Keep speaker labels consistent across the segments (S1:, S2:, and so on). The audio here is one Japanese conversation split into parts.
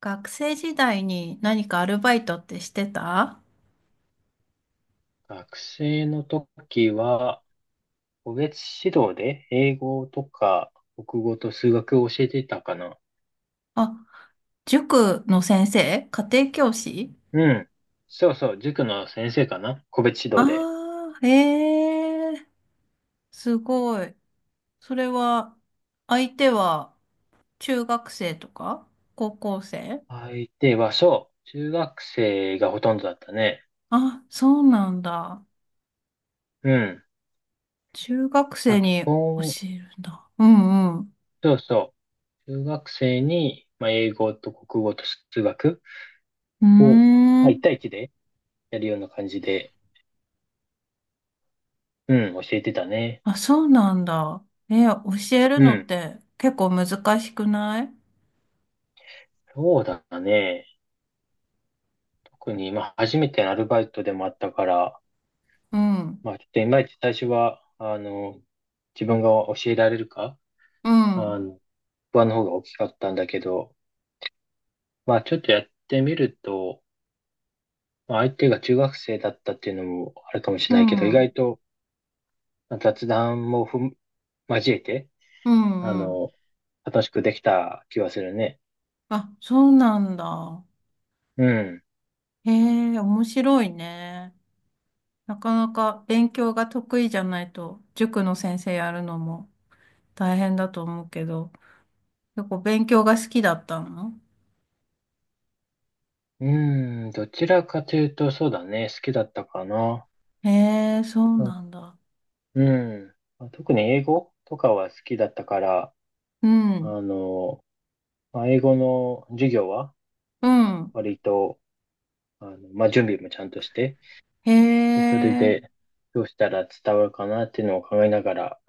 S1: 学生時代に何かアルバイトってしてた？
S2: 学生の時は、個別指導で英語とか国語と数学を教えていたかな。
S1: あ、塾の先生？家庭教師？
S2: うん。そうそう、塾の先生かな。個別指
S1: あ
S2: 導で。
S1: あー、へえ、すごい。それは、相手は中学生とか高校生？
S2: 相手は、そう、中学生がほとんどだったね。
S1: あ、そうなんだ。
S2: うん。
S1: 中学
S2: ま
S1: 生
S2: あ、基
S1: に教
S2: 本、
S1: えるんだ。うんうん。
S2: そうそ中学生に、英語と国語と数学
S1: うー
S2: を、1
S1: ん。
S2: 対一でやるような感じで、うん、教えてたね。
S1: あ、そうなんだ。え、教える
S2: う
S1: のっ
S2: ん。
S1: て結構難しくない？
S2: そうだね。特に、まあ、初めてのアルバイトでもあったから、
S1: うん。
S2: まあ、ちょっといまいち最初は、自分が教えられるか、
S1: う
S2: あ
S1: ん。
S2: の、不安の方が大きかったんだけど、まあ、ちょっとやってみると、まあ、相手が中学生だったっていうのもあるかもし
S1: う
S2: れないけど、意
S1: ん。
S2: 外とまあ雑談も交えて、
S1: う
S2: あ
S1: んうん。
S2: の、楽しくできた気はするね。
S1: あ、そうなんだ。
S2: うん。
S1: へえ、面白いね。なかなか勉強が得意じゃないと、塾の先生やるのも大変だと思うけど、結構勉強が好きだったの？
S2: うん、どちらかというと、そうだね、好きだったかな。
S1: へえ、そう
S2: あ
S1: なんだ。
S2: うん。まあ特に英語とかは好きだったから、
S1: うん、
S2: あの、まあ、英語の授業は、
S1: うん。
S2: 割と、まあ、準備もちゃんとして、
S1: へ
S2: でそれ
S1: え、
S2: で、どうしたら伝わるかなっていうのを考えながら、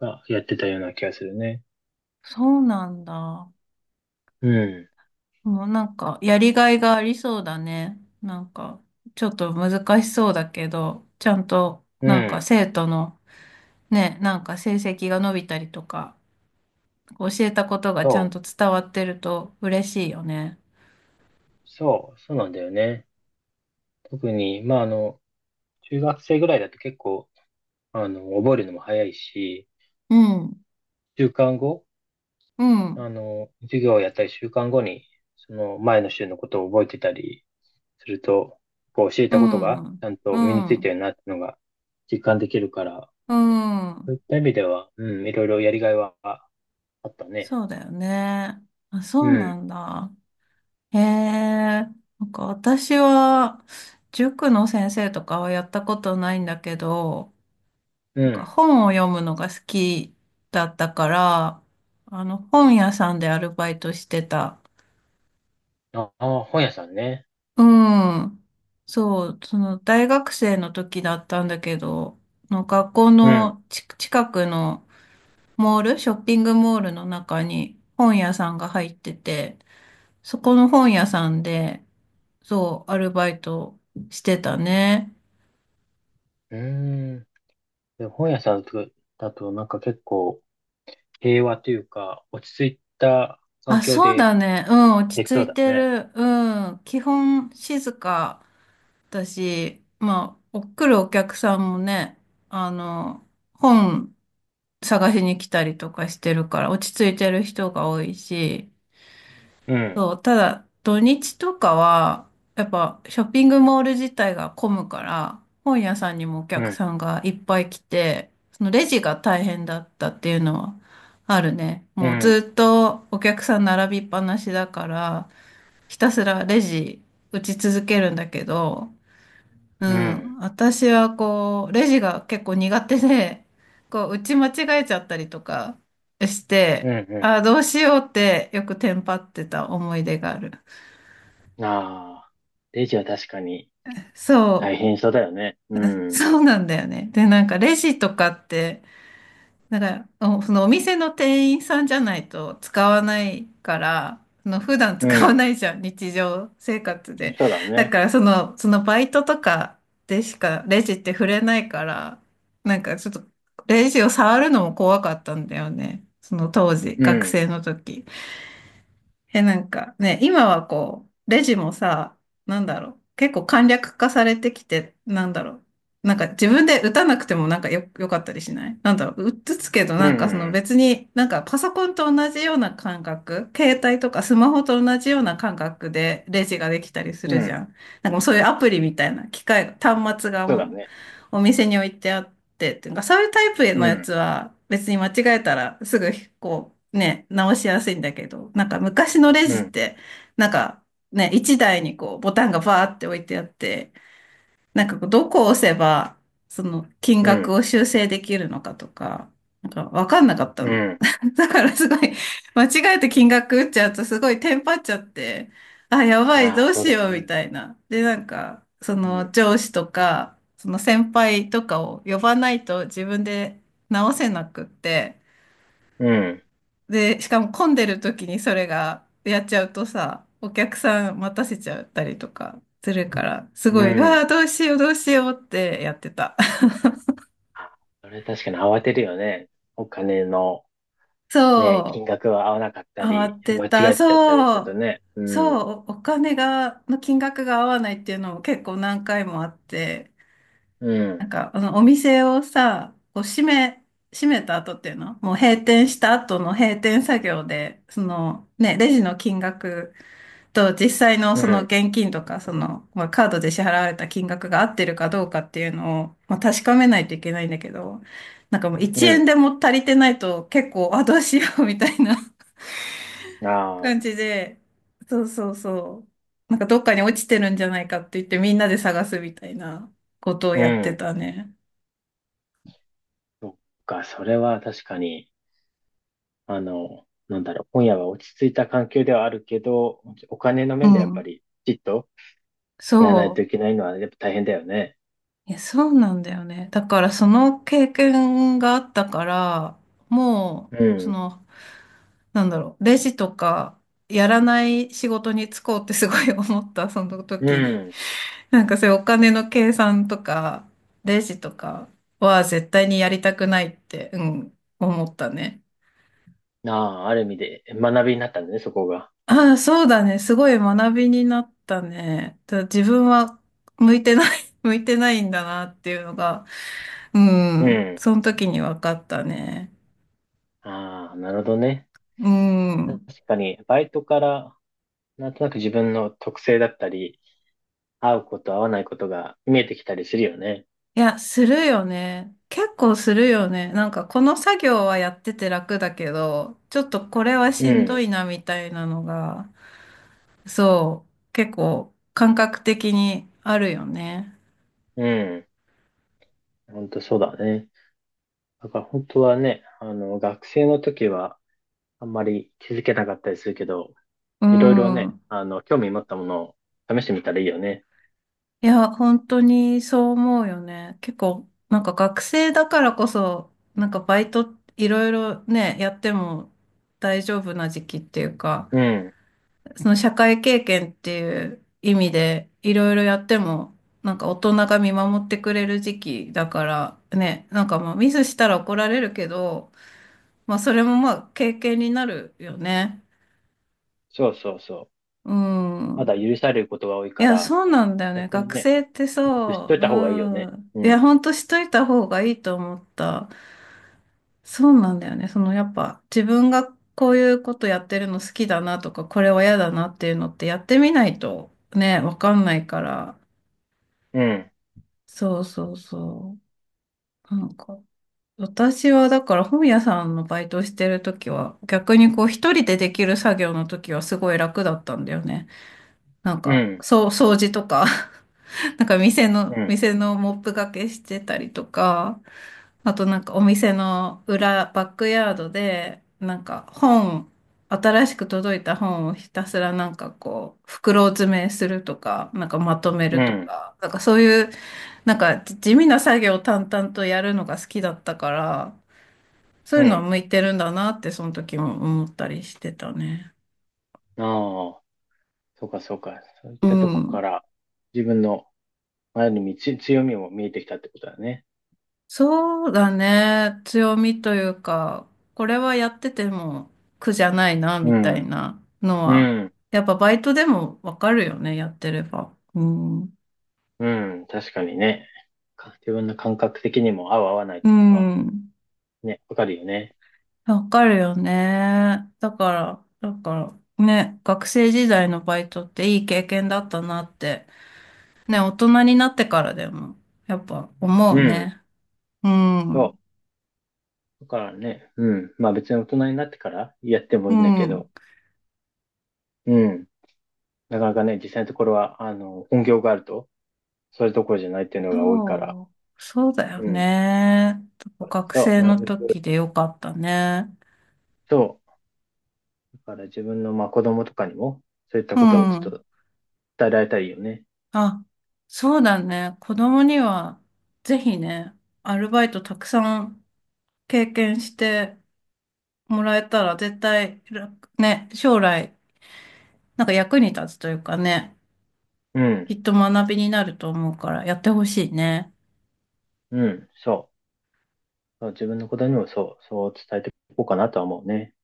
S2: あ、やってたような気がするね。
S1: そうなんだ。
S2: うん。
S1: もうなんか、やりがいがありそうだね。なんか、ちょっと難しそうだけど、ちゃんと、
S2: う
S1: なんか
S2: ん。
S1: 生徒の、ね、なんか成績が伸びたりとか、教えたことがちゃん
S2: そ
S1: と
S2: う。
S1: 伝わってると嬉しいよね。
S2: そう。そうなんだよね。特に、中学生ぐらいだと結構、覚えるのも早いし、
S1: うん、
S2: 週間後、
S1: うん、
S2: 授業をやったり週間後に、その前の週のことを覚えてたりすると、こう教え
S1: う
S2: たことがち
S1: ん、
S2: ゃんと
S1: う
S2: 身についた
S1: ん、
S2: よなっていうのが実感できるから、
S1: う
S2: そう
S1: ん。
S2: いった意味では、うん、いろいろやりがいはあったね。
S1: そうだよね。あ、そ
S2: う
S1: うな
S2: ん、
S1: んだ。へえ。なんか私は塾の先生とかはやったことないんだけど、
S2: う
S1: なんか
S2: ん。
S1: 本を読むのが好きだったから、あの本屋さんでアルバイトしてた。
S2: ああ、本屋さんね。
S1: うん。そう、その大学生の時だったんだけど、の学校
S2: うん。
S1: のち近くのモール、ショッピングモールの中に本屋さんが入ってて、そこの本屋さんで、そう、アルバイトしてたね。
S2: うーん。で、本屋さんだと、なんか結構平和というか、落ち着いた環
S1: あ、
S2: 境
S1: そう
S2: で
S1: だね。うん、落
S2: できそ
S1: ち
S2: う
S1: 着い
S2: だ
S1: て
S2: ね。
S1: る。うん、基本静かだし、まあ、お来るお客さんもね、あの、本探しに来たりとかしてるから、落ち着いてる人が多いし、
S2: うん、
S1: そう、ただ土日とかは、やっぱショッピングモール自体が混むから、本屋さんにもお
S2: う
S1: 客
S2: ん、
S1: さんがいっぱい来て、そのレジが大変だったっていうのはあるね。
S2: う
S1: もう
S2: ん、
S1: ずっとお客さん並びっぱなしだから、ひたすらレジ打ち続けるんだけど、う
S2: うん、
S1: ん。私はこう、レジが結構苦手で、こう、打ち間違えちゃったりとかし
S2: う
S1: て、
S2: ん、
S1: あ
S2: う
S1: あ、どうしようってよくテンパってた思い出がある。
S2: ん。ああ、レジは確かに
S1: そ
S2: 大
S1: う。
S2: 変そうだよね。うん、
S1: そうなんだよね。で、なんかレジとかって、だから、そのお店の店員さんじゃないと使わないから、その普段
S2: う
S1: 使わ
S2: ん、
S1: ないじゃん、日常生活で。
S2: そうだ
S1: だ
S2: ね。
S1: から、そのバイトとかでしかレジって触れないから、なんかちょっとレジを触るのも怖かったんだよね。その当時、
S2: う
S1: 学
S2: ん、
S1: 生の時。え、なんかね、今はこう、レジもさ、なんだろう、結構簡略化されてきて、なんだろう、なんか自分で打たなくてもなんかよかったりしないなんだろう、打つけど
S2: う
S1: なんかその
S2: ん、
S1: 別になんかパソコンと同じような感覚、携帯とかスマホと同じような感覚でレジができたりす
S2: うん、
S1: る
S2: う
S1: じゃ
S2: ん、
S1: ん。なんかもうそういうアプリみたいな機械、端末が
S2: そうだ
S1: も
S2: ね。
S1: うお店に置いてあってて、っていうか、そういうタイプの
S2: う
S1: やつ
S2: ん、
S1: は別に間違えたらすぐこうね、直しやすいんだけど、なんか昔のレ
S2: う
S1: ジっ
S2: ん、
S1: て、なんかね、一台にこうボタンがバーって置いてあって、なんかこうどこを押せば、その金
S2: う
S1: 額
S2: ん、
S1: を修正できるのかとか、なんかわかんなかった
S2: う
S1: の。
S2: ん。
S1: だからすごい、間違えて金額打っちゃうとすごいテンパっちゃって、あ、やばい、
S2: あ
S1: ど
S2: あ、
S1: う
S2: そう
S1: し
S2: だよ
S1: ようみ
S2: ね。
S1: たいな。で、なんか、そ
S2: う
S1: の
S2: ん。
S1: 上司とか、その先輩とかを呼ばないと自分で直せなくって、
S2: うん。
S1: で、しかも混んでる時にそれがやっちゃうとさ、お客さん待たせちゃったりとかするから、すご
S2: う
S1: い、うわあ、
S2: ん。
S1: どうしよう、どうしようってやってた。
S2: あ、それ確かに慌てるよね。お金の ね、金
S1: そ
S2: 額が合わなかっ
S1: う、
S2: た
S1: 慌
S2: り、
S1: て
S2: 間違っ
S1: た、
S2: ちゃったりす
S1: そ
S2: ると
S1: う、
S2: ね。う
S1: そ
S2: ん。
S1: う、おお金が、の金額が合わないっていうのも結構何回もあって、
S2: う
S1: なん
S2: ん。
S1: か、お店をさ、こう閉めた後っていうの、もう閉店した後の閉店作業で、その、ね、レジの金額と実際の
S2: う
S1: その
S2: ん。
S1: 現金とか、その、まあ、カードで支払われた金額が合ってるかどうかっていうのを、まあ、確かめないといけないんだけど、なんかもう1円
S2: う
S1: でも足りてないと結構 あ、どうしようみたいな
S2: ん。あ
S1: 感
S2: あ。
S1: じで、そうそうそう。なんかどっかに落ちてるんじゃないかって言ってみんなで探すみたいなことを
S2: う
S1: やって
S2: ん。
S1: たね。
S2: そっか、それは確かに、なんだろう、今夜は落ち着いた環境ではあるけど、お金の
S1: う
S2: 面でやっぱ
S1: ん。
S2: り、きちっとやらないと
S1: そう。
S2: いけないのは、やっぱ大変だよね。
S1: いや、そうなんだよね。だからその経験があったから、も
S2: う
S1: う、そ
S2: ん。
S1: の、なんだろう、レジとか、やらない仕事に就こうってすごい思った、その
S2: う
S1: 時に。
S2: ん。
S1: なんかそういうお金の計算とか、レジとかは絶対にやりたくないって、うん、思ったね。
S2: ああ、ある意味で学びになったんだね、そこが。
S1: ああ、そうだね。すごい学びになったね。ただ自分は向いてない、向いてないんだなっていうのが、う
S2: う
S1: ん、
S2: ん。
S1: その時に分かったね。
S2: ああ、なるほどね。
S1: う
S2: 確
S1: ん。
S2: かに、バイトから、なんとなく自分の特性だったり、合うこと、合わないことが見えてきたりするよね。
S1: いや、するよね。結構するよね。なんかこの作業はやってて楽だけど、ちょっとこれは
S2: う
S1: しんど
S2: ん、
S1: いなみたいなのが、そう、結構感覚的にあるよね。
S2: うん。本当そうだね。だから本当はね、学生の時は、あんまり気づけなかったりするけど、
S1: う
S2: いろいろね、
S1: ん。
S2: 興味持ったものを試してみたらいいよね。
S1: いや、本当にそう思うよね。結構、なんか学生だからこそ、なんかバイトいろいろね、やっても大丈夫な時期っていうか、
S2: うん。
S1: その社会経験っていう意味でいろいろやっても、なんか大人が見守ってくれる時期だからね、なんかまあミスしたら怒られるけど、まあそれもまあ経験になるよね。
S2: そうそうそう。
S1: う
S2: ま
S1: ん。
S2: だ許されることが多い
S1: い
S2: か
S1: や、
S2: ら、
S1: そうなんだよね。
S2: 逆に
S1: 学
S2: ね、
S1: 生ってさ、
S2: 知っといた方がいいよ
S1: う
S2: ね。
S1: ん。
S2: う
S1: いや、
S2: ん、
S1: ほんとしといた方がいいと思った。そうなんだよね。そのやっぱ自分がこういうことやってるの好きだなとか、これは嫌だなっていうのってやってみないとね、わかんないから。
S2: うん、
S1: そうそうそう。なんか、私はだから本屋さんのバイトしてる時は、逆にこう一人でできる作業の時はすごい楽だったんだよね。なん
S2: う
S1: か、
S2: ん、
S1: そう、掃除とか。なんか店
S2: う
S1: の、
S2: ん、
S1: 店のモップがけしてたりとか、あとなんかお店の裏、バックヤードで、なんか本、新しく届いた本をひたすらなんかこう、袋詰めするとか、なんかまとめ
S2: う
S1: ると
S2: ん、
S1: か、なんかそういう、なんか地味な作業を淡々とやるのが好きだったから、そう
S2: う
S1: いうのは
S2: ん。
S1: 向いてるんだなって、その時も思ったりしてたね。
S2: ああ、そうかそうか。そういっ
S1: う
S2: たとこか
S1: ん。
S2: ら自分のある意味つ強みも見えてきたってことだね。
S1: そうだね。強みというか、これはやってても苦じゃないな、
S2: う
S1: みたい
S2: ん、
S1: なの
S2: う
S1: は、
S2: ん、
S1: やっぱバイトでもわかるよね、やってれば。うん。
S2: うん、確かにね。か自分の感覚的にも合う合わないっ
S1: う
S2: ていうのは
S1: ん。
S2: ね、わかるよね。
S1: わかるよね。だから、ね、学生時代のバイトっていい経験だったなって、ね、大人になってからでも、やっぱ思う
S2: うん、
S1: ね。うん。
S2: そう。だからね、うん。まあ別に大人になってからやっても
S1: う
S2: いいんだけ
S1: ん。
S2: ど、うん。なかなかね、実際のところは、本業があると、そういうところじゃないっていうのが多いから、
S1: そう、そうだよ
S2: うん。
S1: ね。学
S2: そう、
S1: 生
S2: な
S1: の
S2: るべ
S1: 時
S2: く、
S1: でよかったね。
S2: そう。だから自分の、まあ子供とかにも、そういった
S1: う
S2: ことをちょっ
S1: ん。
S2: と伝えられたらいいよね。
S1: あ、そうだね。子供には、ぜひね、アルバイトたくさん経験してもらえたら、絶対楽、ね、将来、なんか役に立つというかね、
S2: う
S1: き
S2: ん、
S1: っと学びになると思うから、やってほしいね。
S2: うん、そう。そう自分の子供にもそう、そう伝えていこうかなとは思うね。